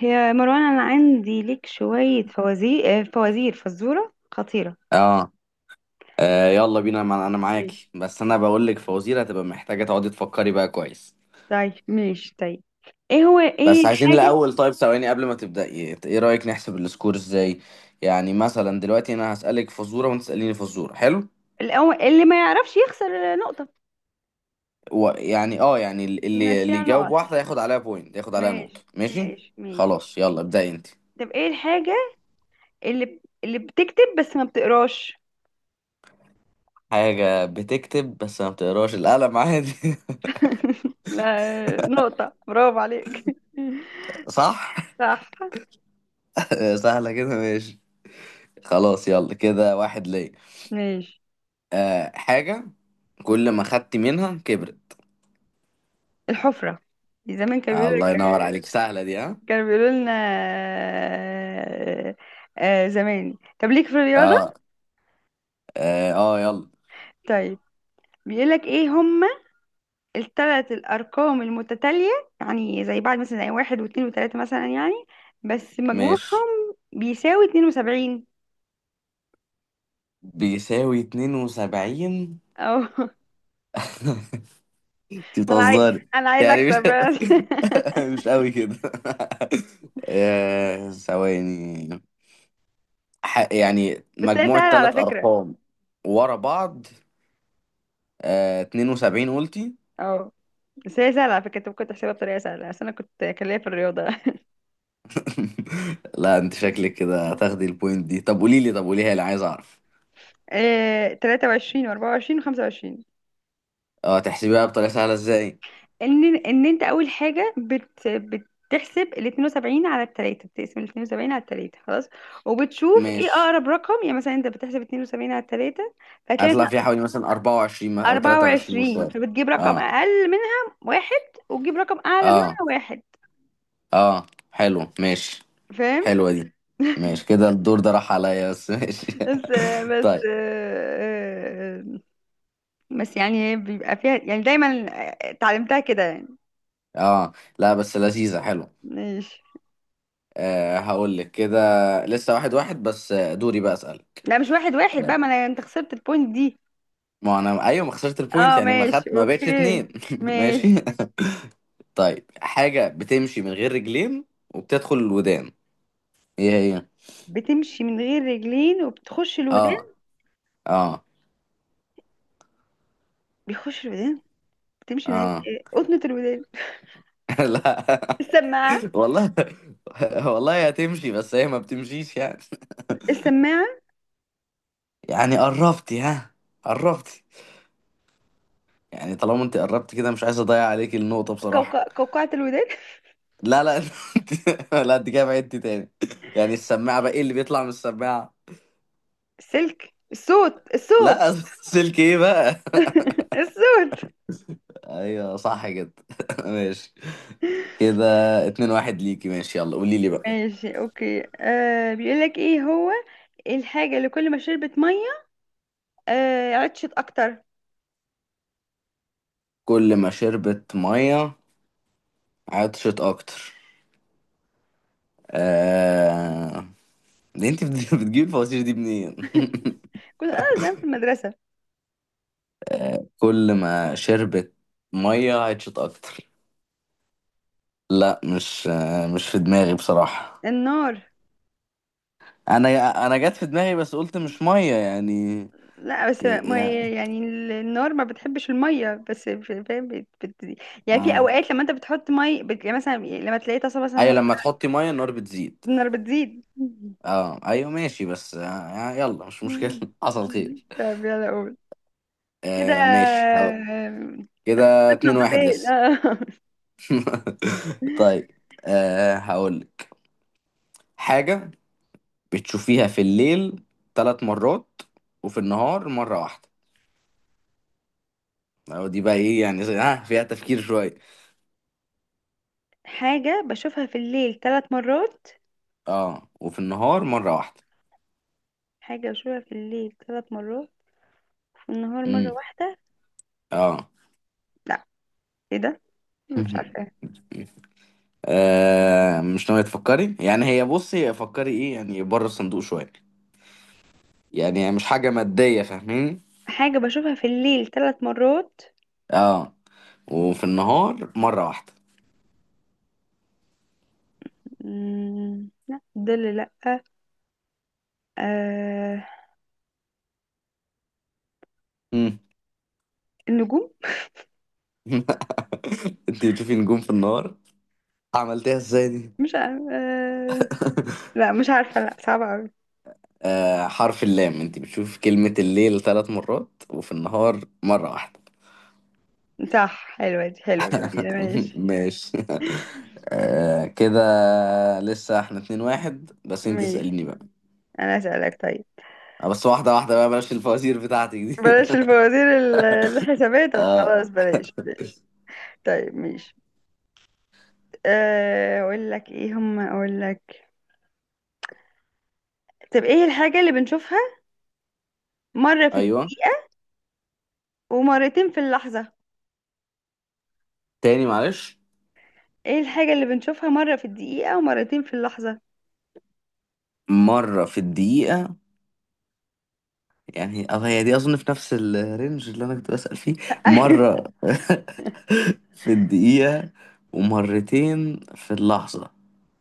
هي مروان، انا عندي لك شوية فوازير فوازير فزورة خطيرة. اه يلا بينا انا ماشي، معاكي، بس انا بقول لك فوازير هتبقى محتاجه تقعدي تفكري بقى كويس. طيب، ماشي، طيب. ايه هو ايه بس عايزين الحاجة؟ الاول. طيب ثواني قبل ما تبداي، ايه رايك نحسب السكور ازاي؟ يعني مثلا دلوقتي انا هسالك فزوره وانت تساليني فزوره، حلو. اللي ما يعرفش يخسر نقطة. ويعني اه يعني اللي بنمشيها يجاوب نقط. واحده ياخد عليها بوينت، ياخد عليها نقطه. ماشي، ماشي، ماشي، ماشي. خلاص يلا ابداي انت. طب ايه الحاجة اللي بتكتب بس ما بتقراش؟ حاجه بتكتب بس ما بتقراش؟ القلم، عادي. لا، نقطة، برافو عليك. صح. صح. سهله كده، ماشي. خلاص، يلا كده واحد ليا. ماشي. آه، حاجة كل ما خدت منها كبرت. الحفرة، زمان كانوا آه، بيقولوا الله ينور عليك، سهلة دي. ها كانوا بيقولوا لنا آه، آه، زمان. طب ليك في اه. الرياضة؟ اه, آه، يلا. طيب. بيقولك ايه هما الثلاث الارقام المتتالية، يعني زي بعض، مثلا زي واحد واثنين وثلاثة مثلا يعني، بس ماشي، مجموعهم بيساوي 72. بيساوي 72؟ اه. انت ما انا عايز بتهزري؟ انا عايز يعني مش اكسب. مش قوي كده. آه، ثواني. يعني بس هي مجموع سهلة على ثلاث فكرة. ارقام ورا بعض، آه 72 قلتي. اه، بس هي سهلة على فكرة، انت ممكن تحسبها بطريقة سهلة، بس انا كنت كان ليا في الرياضة. لا، انت شكلك كده هتاخدي البوينت دي. طب قولي لي، طب قوليها لي، عايز اعرف. آه، 23 و24 و25. اه، تحسبيها بطريقه سهله ازاي؟ ان ان انت اول حاجه بتحسب ال 72 على التلاتة، بتقسم ال 72 على التلاتة خلاص، وبتشوف ايه ماشي، اقرب رقم، يعني مثلا انت بتحسب 72 على التلاتة فهتلاقي هطلع فيها مثلا حوالي مثلا 24 او 23 24، مستوى. فبتجيب رقم اه، اقل منها واحد وتجيب رقم اعلى اه، منها واحد. اه، حلو، ماشي. فاهم؟ حلوة دي. ماشي، كده الدور ده راح عليا بس. ماشي. بس بس طيب، بس يعني هي بيبقى فيها يعني دايما، اتعلمتها كده يعني. اه. لا بس لذيذة، حلو. ماشي. آه هقول لك كده. لسه واحد واحد بس، آه، دوري بقى اسألك. لا، مش واحد واحد آه، بقى، ما انا انت خسرت البوينت دي. ما انا ايوه، ما خسرت البوينت، اه، يعني ما ماشي، خدت، ما بقتش اوكي. اتنين. ماشي. ماشي. طيب، حاجة بتمشي من غير رجلين وبتدخل الودان، ايه هي؟ بتمشي من غير رجلين وبتخش الودان. اه، اه، بيخش الودان. بتمشي من غير اه. إيه؟ قطنة الودان. لا السماعة. والله. والله هتمشي، بس هي ما بتمشيش يعني. السماعة. يعني قربتي، ها، قربتي. يعني طالما انت قربتي كده مش عايز اضيع عليك النقطة بصراحة. قوقعة الودان. لا لا. انت، لا انت كده بعدتي تاني. يعني السماعة بقى، ايه اللي بيطلع من السماعة؟ السلك، الصوت، الصوت. لا، سلك ايه بقى. الصوت. ايوه، صح كده. ماشي كده. اتنين واحد ليكي، ماشي، يلا قولي لي بقى. ماشي، اوكي. آه، بيقول لك ايه هو الحاجة اللي كل ما شربت مية عطشت اكتر. كل ما شربت مية عطشت اكتر. آه... ليه انت بتجيب الفوازير دي منين؟ كنت انا زمان في المدرسة. كل ما شربت ميه عطشت اكتر. لا مش، مش في دماغي بصراحه. النار. انا انا جت في دماغي بس قلت مش ميه يعني. لا، بس يا ما يا، هي يعني النار ما بتحبش الميه، بس فاهم يعني في اه، اوقات لما انت بتحط مي يعني مثلا لما تلاقي طاسه ايوه، مثلا، لما تحطي ميه النار بتزيد. النار بتزيد. اه ايوه ماشي بس آه. آه، يلا مش مشكله. مم. حصل خير. طب يلا قول كده. آه ماشي هقول. آه، كده اتنين واحد نقطتين لسه. آه. طيب، آه هقولك حاجه بتشوفيها في الليل ثلاث مرات وفي النهار مره واحده. أو دي بقى ايه يعني؟ ها، فيها تفكير شوية. حاجه بشوفها في الليل ثلاث مرات. اه، وفي النهار مرة واحدة. حاجه بشوفها في الليل ثلاث مرات وفي النهار مره امم واحده. اه. لا، ايه ده، مش عارفه. آه، مش ناوية تفكري يعني؟ هي بصي، فكري ايه يعني، بره الصندوق شوية، يعني مش حاجة مادية، فاهمين. حاجه بشوفها في الليل ثلاث مرات. اه، وفي النهار مرة واحدة. مم، لا، ظل، لا. آه... امم النجوم. انت بتشوفي نجوم في النهار؟ عملتيها ازاي دي؟ مش عارفة. لا، مش عارفة، لا، صعبة أوي. آه، حرف اللام، انت بتشوفي كلمة الليل ثلاث مرات وفي النهار مرة واحدة. صح، حلوة دي، حلوة، جميلة. ماشي. ماشي. آه كده لسه احنا اتنين واحد، بس انت ماشي. اسأليني بقى. أنا أسألك طيب. آه، بس واحدة واحدة بقى، بلاش الفوازير بتاعتك دي. بلاش الفوازير الحسابية، طب خلاص، بلاش بلاش. طيب، ماشي. آه، أقول لك إيه هم أقول لك. طب إيه الحاجة اللي بنشوفها مرة في الد... ايوه، ومرتين في اللحظة. تاني معلش. إيه الحاجة اللي بنشوفها مرة في الدقيقة ومرتين في اللحظة؟ مرة في الدقيقة، يعني اه هي دي اظن في نفس الرينج اللي انا كنت بسأل فيه. أيوة. مرة في الدقيقة ومرتين في اللحظة،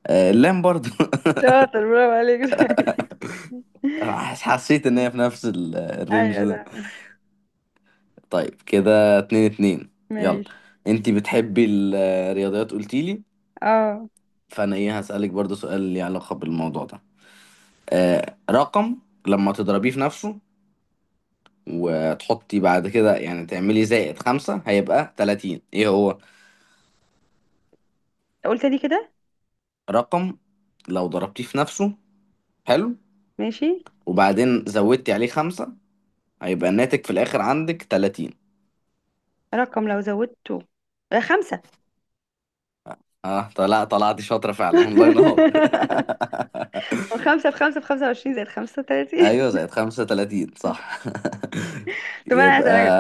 آه اللام برضو. شاطر، برافو عليك. حسيت ان هي في نفس الرينج أيوة، ده. صح. طيب كده اتنين اتنين. يلا، ماشي. انتي بتحبي الرياضيات قلتيلي، اه، فانا ايه، هسألك برضو سؤال ليه علاقة بالموضوع ده. آه، رقم لما تضربيه في نفسه، وتحطي بعد كده يعني تعملي زائد خمسة هيبقى تلاتين، ايه هو؟ قلت لي كده. رقم لو ضربتيه في نفسه، حلو، ماشي. وبعدين زودتي عليه خمسة، هيبقى الناتج في الآخر عندك تلاتين. رقم لو زودته آه، 5. اه، طلع طلعتي شاطرة فعلا، الله ينور. 5 في 5 في 25 زائد 35. ايوه زائد 35، صح. طب أنا يبقى، هسألك.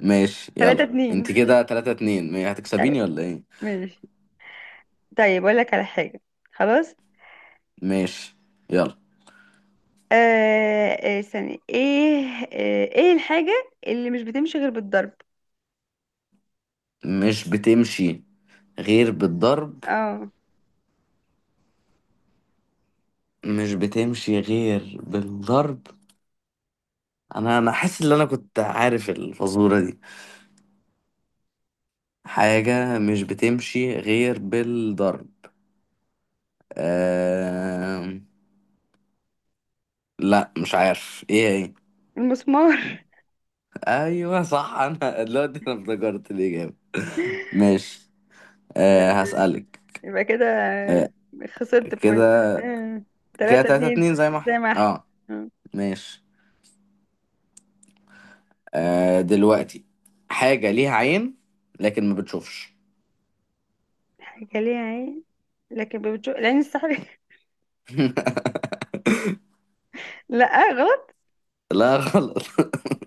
ماشي يلا. تلاتة انت اتنين كده 3-2 طيب، هتكسبيني ولا ايه؟ ماشي. طيب أقول لك على حاجة. خلاص. ماشي يلا. آه. آه، استني ايه. آه، ايه الحاجة اللي مش بتمشي غير بالضرب؟ مش بتمشي غير بالضرب. اه. مش بتمشي غير بالضرب، انا حاسس ان انا كنت عارف الفزورة دي، حاجة مش بتمشي غير بالضرب. آه... لا مش عارف ايه هي. المسمار. ايوه صح. انا دلوقتي انا افتكرت الاجابة. ماشي، أه هسألك. يبقى كده أه خسرت بوينت. كده، آه، كده تلاتة تلاتة اتنين اتنين زي ما احنا. زي ما احنا. اه آه. ماشي. أه، دلوقتي، حاجة ليها عين لكن ما بتشوفش. حاجة ليها عين لكن بتشوف العين السحرية. لا، غلط. لا، غلط.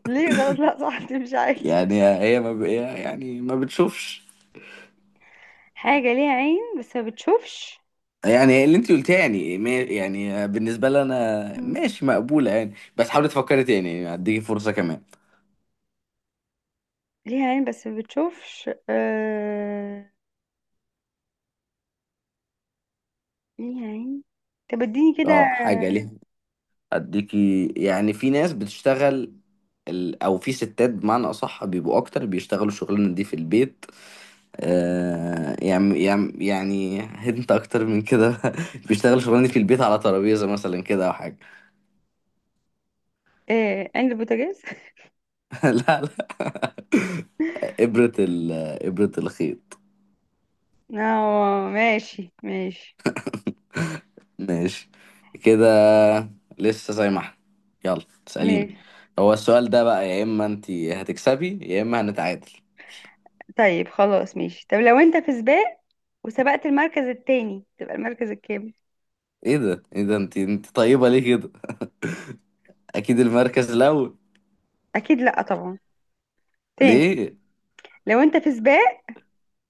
ليه غلط؟ لا صح، تمشي عادي. يعني هي ما ب... يعني ما بتشوفش. حاجة ليها عين بس ما بتشوفش. يعني اللي انت قلتيه، يعني يعني بالنسبة لي انا مم. ماشي مقبولة يعني، بس حاولي تفكري تاني يعني، هديكي فرصة كمان. ليها عين بس ما بتشوفش. آه... ليها عين. طب اديني كده. اه، حاجة ليها، هديكي يعني في ناس بتشتغل او في ستات بمعنى اصح بيبقوا اكتر، بيشتغلوا الشغلانة دي في البيت. آه، يعني انت اكتر من كده. بيشتغل شغلانه في البيت على ترابيزه مثلا كده او حاجه. ايه، عين البوتاجاز. لا لا، ابره ابره الخيط. اه، ماشي، ماشي، ماشي كده، لسه زي ما احنا، يلا اساليني. ماشي. هو السؤال ده بقى يا اما انت هتكسبي يا اما هنتعادل. طيب، خلاص، ماشي. طب لو انت في سباق وسبقت المركز التاني، تبقى المركز الكام؟ ايه ده، ايه ده، انت طيبه ليه كده؟ اكيد المركز الاول. اكيد لا طبعا، تاني. ليه؟ لو انت في سباق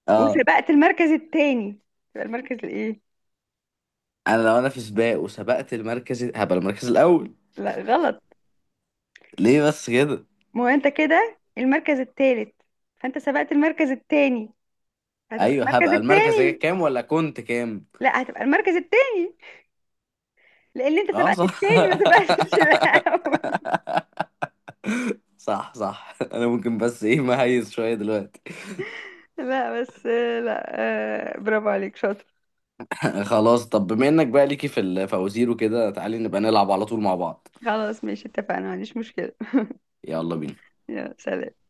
اه، وسبقت المركز التاني، تبقى المركز الايه؟ انا لو انا في سباق وسبقت المركز هبقى المركز الاول. لا، غلط. ليه بس كده؟ ما هو انت كده المركز الثالث، فانت سبقت المركز الثاني، هتبقى ايوه المركز هبقى المركز، هيك الثاني. كام ولا كنت كام؟ لا، هتبقى المركز الثاني، لان انت اه سبقت صح. الثاني ما سبقتش الاول. صح صح، انا ممكن بس ايه مهيز شويه دلوقتي. لا، بس. لا. آه، برافو عليك، شاطر. خلاص، طب بما انك بقى ليكي في الفوازير وكده، تعالي نبقى نلعب على طول مع بعض. خلاص، ماشي، اتفقنا، ما عنديش مشكلة. يلا بينا. يلا، سلام.